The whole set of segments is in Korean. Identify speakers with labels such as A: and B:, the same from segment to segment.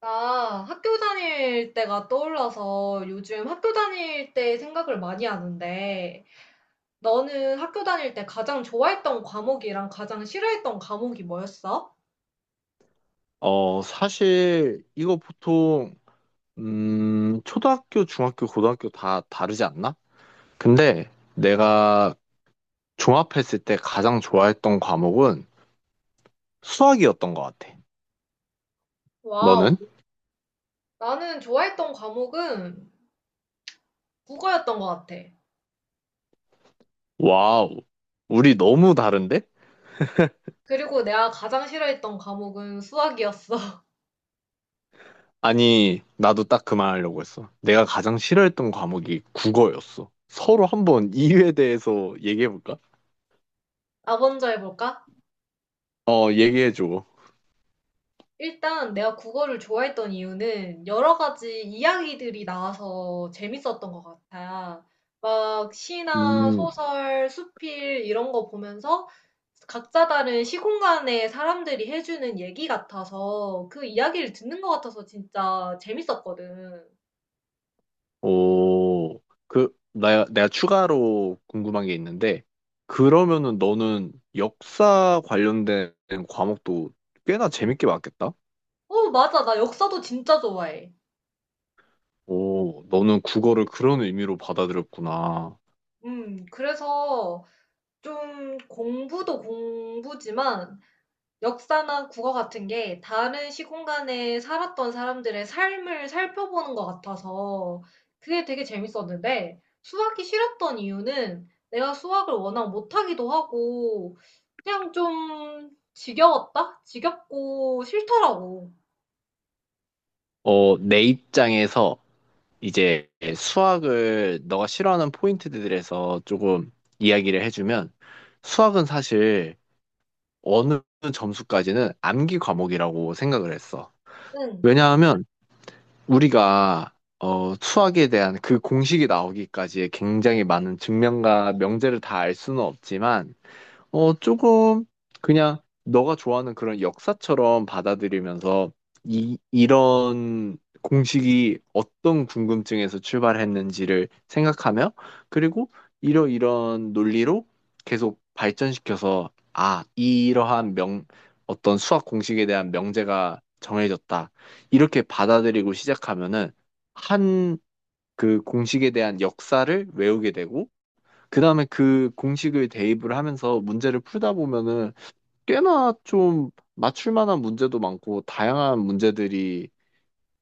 A: 나 학교 다닐 때가 떠올라서 요즘 학교 다닐 때 생각을 많이 하는데, 너는 학교 다닐 때 가장 좋아했던 과목이랑 가장 싫어했던 과목이 뭐였어?
B: 사실 이거 보통 초등학교, 중학교, 고등학교 다 다르지 않나? 근데 내가 종합했을 때 가장 좋아했던 과목은 수학이었던 것 같아. 너는?
A: 와우. 나는 좋아했던 과목은 국어였던 것 같아.
B: 와우, 우리 너무 다른데?
A: 그리고 내가 가장 싫어했던 과목은 수학이었어.
B: 아니, 나도 딱 그 말 하려고 했어. 내가 가장 싫어했던 과목이 국어였어. 서로 한번 이유에 대해서 얘기해볼까?
A: 나 먼저 해볼까?
B: 얘기해줘.
A: 일단 내가 국어를 좋아했던 이유는 여러 가지 이야기들이 나와서 재밌었던 것 같아. 막 시나
B: 음.
A: 소설, 수필 이런 거 보면서 각자 다른 시공간의 사람들이 해주는 얘기 같아서 그 이야기를 듣는 것 같아서 진짜 재밌었거든.
B: 오, 내가 추가로 궁금한 게 있는데, 그러면은 너는 역사 관련된 과목도 꽤나 재밌게 봤겠다?
A: 어, 맞아. 나 역사도 진짜 좋아해.
B: 오, 너는 국어를 그런 의미로 받아들였구나.
A: 그래서 좀 공부도 공부지만 역사나 국어 같은 게 다른 시공간에 살았던 사람들의 삶을 살펴보는 것 같아서 그게 되게 재밌었는데 수학이 싫었던 이유는 내가 수학을 워낙 못하기도 하고 그냥 좀 지겨웠다? 지겹고 싫더라고.
B: 어, 내 입장에서 이제 수학을 너가 싫어하는 포인트들에서 조금 이야기를 해주면, 수학은 사실 어느 점수까지는 암기 과목이라고 생각을 했어.
A: 응.
B: 왜냐하면, 우리가 수학에 대한 그 공식이 나오기까지의 굉장히 많은 증명과 명제를 다 알 수는 없지만 조금 그냥 너가 좋아하는 그런 역사처럼 받아들이면서 이런 공식이 어떤 궁금증에서 출발했는지를 생각하며, 그리고 이러이런 논리로 계속 발전시켜서 아, 이러한 어떤 수학 공식에 대한 명제가 정해졌다. 이렇게 받아들이고 시작하면은 한 그 공식에 대한 역사를 외우게 되고 그 다음에 그 공식을 대입을 하면서 문제를 풀다 보면은 꽤나 좀 맞출 만한 문제도 많고 다양한 문제들이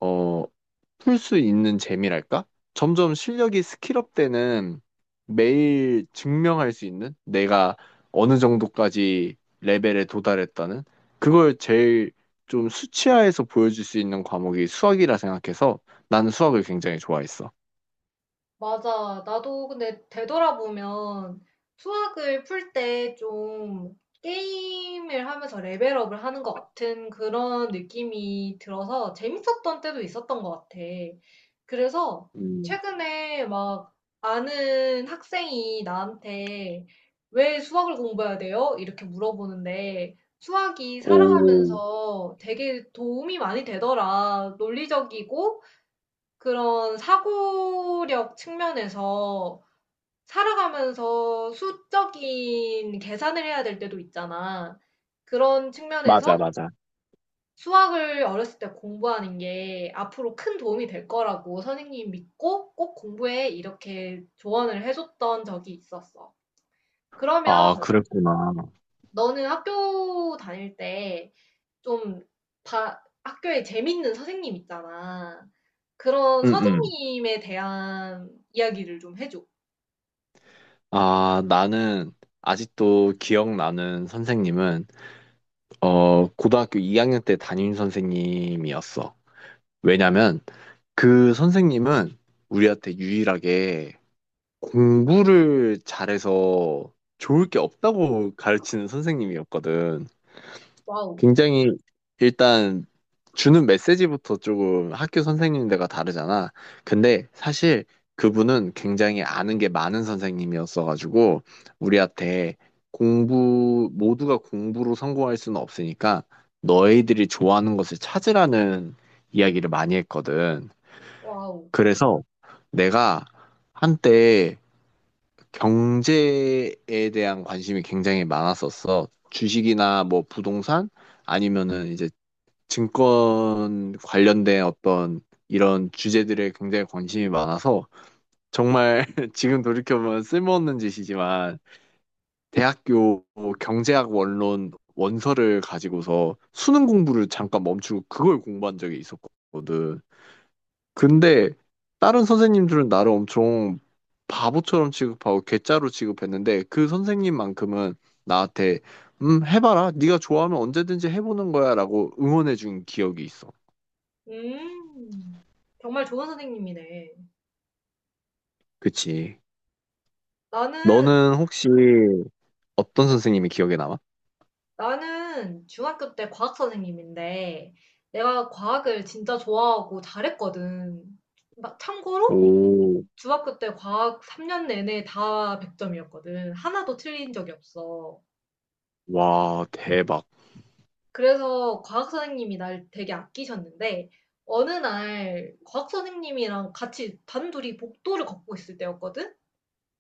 B: 어, 풀 수 있는 재미랄까? 점점 실력이 스킬업 되는, 매일 증명할 수 있는, 내가 어느 정도까지 레벨에 도달했다는 그걸 제일 좀 수치화해서 보여줄 수 있는 과목이 수학이라 생각해서 나는 수학을 굉장히 좋아했어.
A: 맞아. 나도 근데 되돌아보면 수학을 풀 때 좀 게임을 하면서 레벨업을 하는 것 같은 그런 느낌이 들어서 재밌었던 때도 있었던 것 같아. 그래서
B: 음,
A: 최근에 막 아는 학생이 나한테 왜 수학을 공부해야 돼요? 이렇게 물어보는데 수학이
B: 오,
A: 살아가면서 되게 도움이 많이 되더라. 논리적이고 그런 사고력 측면에서 살아가면서 수적인 계산을 해야 될 때도 있잖아. 그런 측면에서
B: 맞아, 맞아.
A: 수학을 어렸을 때 공부하는 게 앞으로 큰 도움이 될 거라고 선생님 믿고 꼭 공부해 이렇게 조언을 해줬던 적이 있었어. 그러면
B: 아, 그랬구나.
A: 너는 학교 다닐 때좀 학교에 재밌는 선생님 있잖아. 그런
B: 응응.
A: 선생님에 대한 이야기를 좀 해줘.
B: 아, 나는 아직도 기억나는 선생님은 고등학교 2학년 때 담임 선생님이었어. 왜냐면 그 선생님은 우리한테 유일하게 공부를 잘해서 좋을 게 없다고 가르치는 선생님이었거든.
A: 와우,
B: 굉장히 일단 주는 메시지부터 조금 학교 선생님들과 다르잖아. 근데 사실 그분은 굉장히 아는 게 많은 선생님이었어가지고 우리한테 공부, 모두가 공부로 성공할 수는 없으니까 너희들이 좋아하는 것을 찾으라는 이야기를 많이 했거든.
A: 와우.
B: 그래서 내가 한때 경제에 대한 관심이 굉장히 많았었어. 주식이나 뭐 부동산 아니면은 이제 증권 관련된 어떤 이런 주제들에 굉장히 관심이 많아서 정말 지금 돌이켜보면 쓸모없는 짓이지만 대학교 경제학 원론 원서를 가지고서 수능 공부를 잠깐 멈추고 그걸 공부한 적이 있었거든. 근데 다른 선생님들은 나를 엄청 바보처럼 취급하고 괴짜로 취급했는데 그 선생님만큼은 나한테 해봐라 네가 좋아하면 언제든지 해보는 거야라고 응원해준 기억이 있어.
A: 음, 정말 좋은 선생님이네.
B: 그치.
A: 나는,
B: 너는 혹시 어떤 선생님이 기억에 남아?
A: 나는 중학교 때 과학 선생님인데, 내가 과학을 진짜 좋아하고 잘했거든. 막 참고로,
B: 오,
A: 중학교 때 과학 3년 내내 다 100점이었거든. 하나도 틀린 적이 없어.
B: 와, 대박.
A: 그래서 과학 선생님이 날 되게 아끼셨는데, 어느 날 과학 선생님이랑 같이 단둘이 복도를 걷고 있을 때였거든?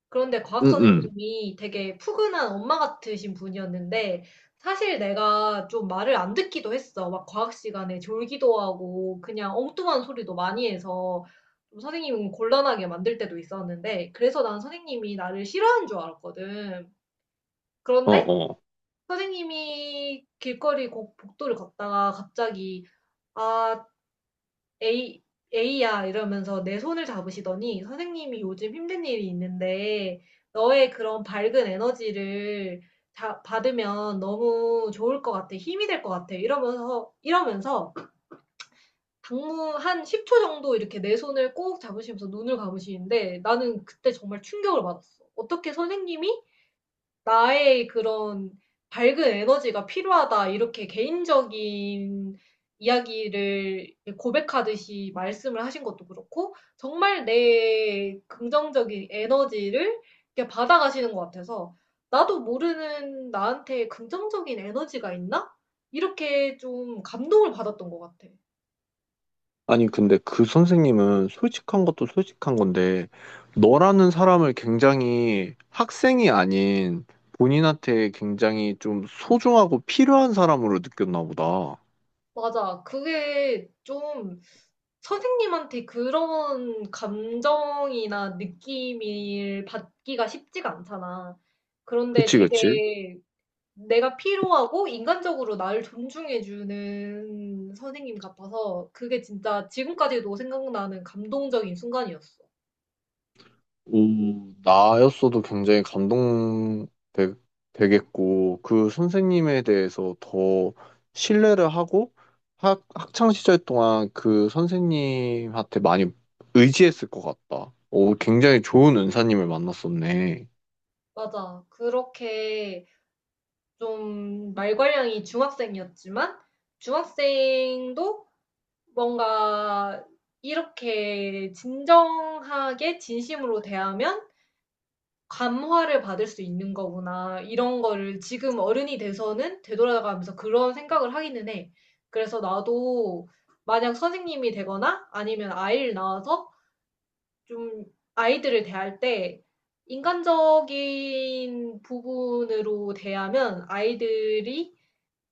A: 그런데 과학
B: 응응.
A: 선생님이 되게 푸근한 엄마 같으신 분이었는데 사실 내가 좀 말을 안 듣기도 했어. 막 과학 시간에 졸기도 하고 그냥 엉뚱한 소리도 많이 해서 좀 선생님은 곤란하게 만들 때도 있었는데 그래서 난 선생님이 나를 싫어하는 줄 알았거든. 그런데
B: 어어.
A: 선생님이 복도를 걷다가 갑자기 아, 에이, 에이야 이러면서 내 손을 잡으시더니 선생님이 요즘 힘든 일이 있는데 너의 그런 밝은 에너지를 받으면 너무 좋을 것 같아. 힘이 될 것 같아. 이러면서 당무 한 10초 정도 이렇게 내 손을 꼭 잡으시면서 눈을 감으시는데 나는 그때 정말 충격을 받았어. 어떻게 선생님이 나의 그런 밝은 에너지가 필요하다. 이렇게 개인적인 이야기를 고백하듯이 말씀을 하신 것도 그렇고, 정말 내 긍정적인 에너지를 이렇게 받아가시는 것 같아서, 나도 모르는 나한테 긍정적인 에너지가 있나? 이렇게 좀 감동을 받았던 것 같아.
B: 아니, 근데 그 선생님은 솔직한 것도 솔직한 건데, 너라는 사람을 굉장히 학생이 아닌 본인한테 굉장히 좀 소중하고 필요한 사람으로 느꼈나 보다.
A: 맞아. 그게 좀 선생님한테 그런 감정이나 느낌을 받기가 쉽지가 않잖아. 그런데
B: 그치, 그치.
A: 되게 내가 필요하고 인간적으로 나를 존중해 주는 선생님 같아서 그게 진짜 지금까지도 생각나는 감동적인 순간이었어.
B: 오, 나였어도 굉장히 되겠고, 그 선생님에 대해서 더 신뢰를 하고, 학창 시절 동안 그 선생님한테 많이 의지했을 것 같다. 오, 굉장히 좋은 은사님을 만났었네.
A: 맞아. 그렇게 좀 말괄량이 중학생이었지만 중학생도 뭔가 이렇게 진정하게 진심으로 대하면 감화를 받을 수 있는 거구나. 이런 거를 지금 어른이 돼서는 되돌아가면서 그런 생각을 하기는 해. 그래서 나도 만약 선생님이 되거나 아니면 아이를 낳아서 좀 아이들을 대할 때 인간적인 부분으로 대하면 아이들이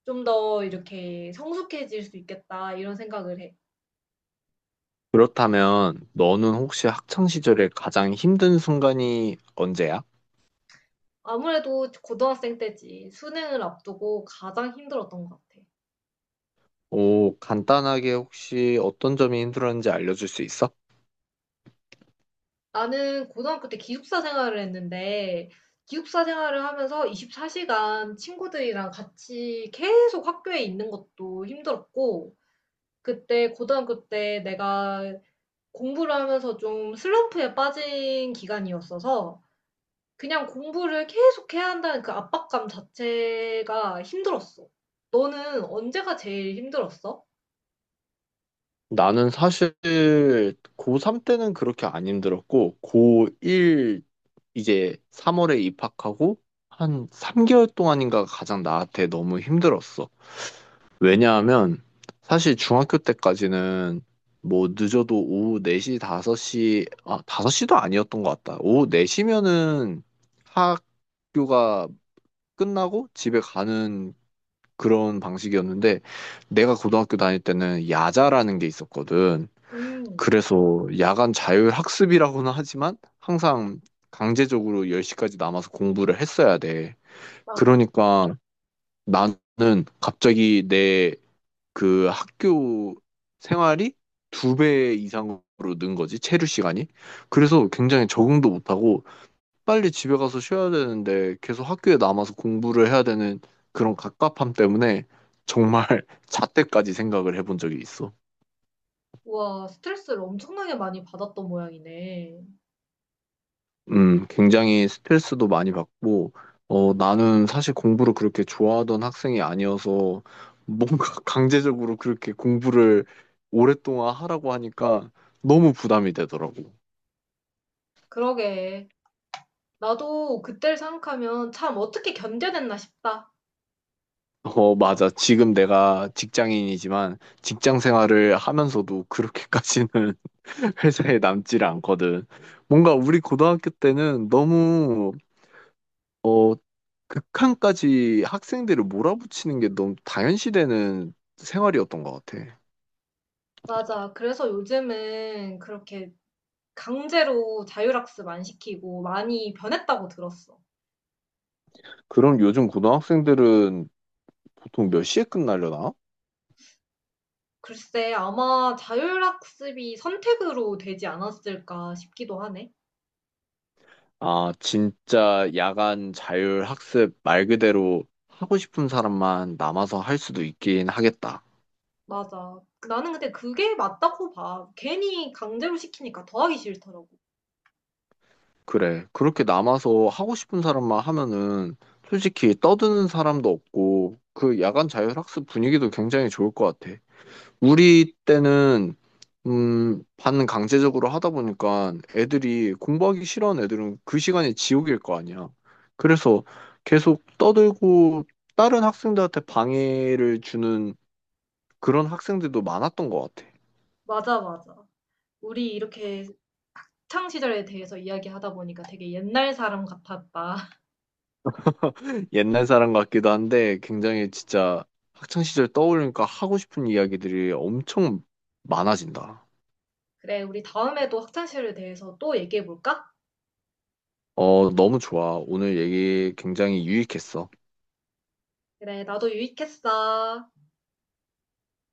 A: 좀 더 이렇게 성숙해질 수 있겠다. 이런 생각을 해.
B: 그렇다면, 너는 혹시 학창 시절에 가장 힘든 순간이 언제야?
A: 아무래도 고등학생 때지. 수능을 앞두고 가장 힘들었던 것 같아.
B: 오, 간단하게 혹시 어떤 점이 힘들었는지 알려줄 수 있어?
A: 나는 고등학교 때 기숙사 생활을 했는데, 기숙사 생활을 하면서 24시간 친구들이랑 같이 계속 학교에 있는 것도 힘들었고, 그때 고등학교 때 내가 공부를 하면서 좀 슬럼프에 빠진 기간이었어서, 그냥 공부를 계속 해야 한다는 그 압박감 자체가 힘들었어. 너는 언제가 제일 힘들었어?
B: 나는 사실 고3 때는 그렇게 안 힘들었고, 고1 이제 3월에 입학하고 한 3개월 동안인가 가장 나한테 너무 힘들었어. 왜냐하면 사실 중학교 때까지는 뭐 늦어도 오후 4시, 5시, 아, 5시도 아니었던 것 같다. 오후 4시면은 학교가 끝나고 집에 가는 그런 방식이었는데 내가 고등학교 다닐 때는 야자라는 게 있었거든.
A: 음,
B: 그래서 야간 자율학습이라고는 하지만 항상 강제적으로 10시까지 남아서 공부를 했어야 돼.
A: 맞아.
B: 그러니까 나는 갑자기 내 그 학교 생활이 두 배 이상으로 는 거지, 체류 시간이. 그래서 굉장히 적응도 못하고 빨리 집에 가서 쉬어야 되는데 계속 학교에 남아서 공부를 해야 되는 그런 갑갑함 때문에 정말 자퇴까지 생각을 해본 적이 있어.
A: 우와, 스트레스를 엄청나게 많이 받았던 모양이네.
B: 굉장히 스트레스도 많이 받고, 나는 사실 공부를 그렇게 좋아하던 학생이 아니어서 뭔가 강제적으로 그렇게 공부를 오랫동안 하라고 하니까 너무 부담이 되더라고.
A: 그러게. 나도 그때를 생각하면 '참 어떻게 견뎌냈나.' 싶다.
B: 어, 맞아. 지금 내가 직장인이지만 직장 생활을 하면서도 그렇게까지는 회사에 남지를 않거든. 뭔가 우리 고등학교 때는 어, 극한까지 학생들을 몰아붙이는 게 너무 당연시되는 생활이었던 것 같아.
A: 맞아. 그래서 요즘은 그렇게 강제로 자율학습 안 시키고 많이 변했다고 들었어.
B: 그럼 요즘 고등학생들은 보통 몇 시에 끝나려나?
A: 글쎄 아마 자율학습이 선택으로 되지 않았을까 싶기도 하네.
B: 아, 진짜 야간 자율학습 말 그대로 하고 싶은 사람만 남아서 할 수도 있긴 하겠다.
A: 맞아. 그 나는 근데 그게 맞다고 봐. 괜히 강제로 시키니까 더 하기 싫더라고.
B: 그래. 그렇게 남아서 하고 싶은 사람만 하면은 솔직히 떠드는 사람도 없고 그 야간 자율학습 분위기도 굉장히 좋을 것 같아. 우리 때는 반 강제적으로 하다 보니까 애들이 공부하기 싫어하는 애들은 그 시간이 지옥일 거 아니야. 그래서 계속 떠들고 다른 학생들한테 방해를 주는 그런 학생들도 많았던 것 같아.
A: 맞아, 맞아. 우리 이렇게 학창 시절에 대해서 이야기하다 보니까 되게 옛날 사람 같았다.
B: 옛날 사람 같기도 한데 굉장히 진짜 학창 시절 떠올리니까 하고 싶은 이야기들이 엄청 많아진다.
A: 그래, 우리 다음에도 학창시절에 대해서 또 얘기해 볼까?
B: 어, 너무 좋아. 오늘 얘기 굉장히 유익했어.
A: 그래, 나도 유익했어.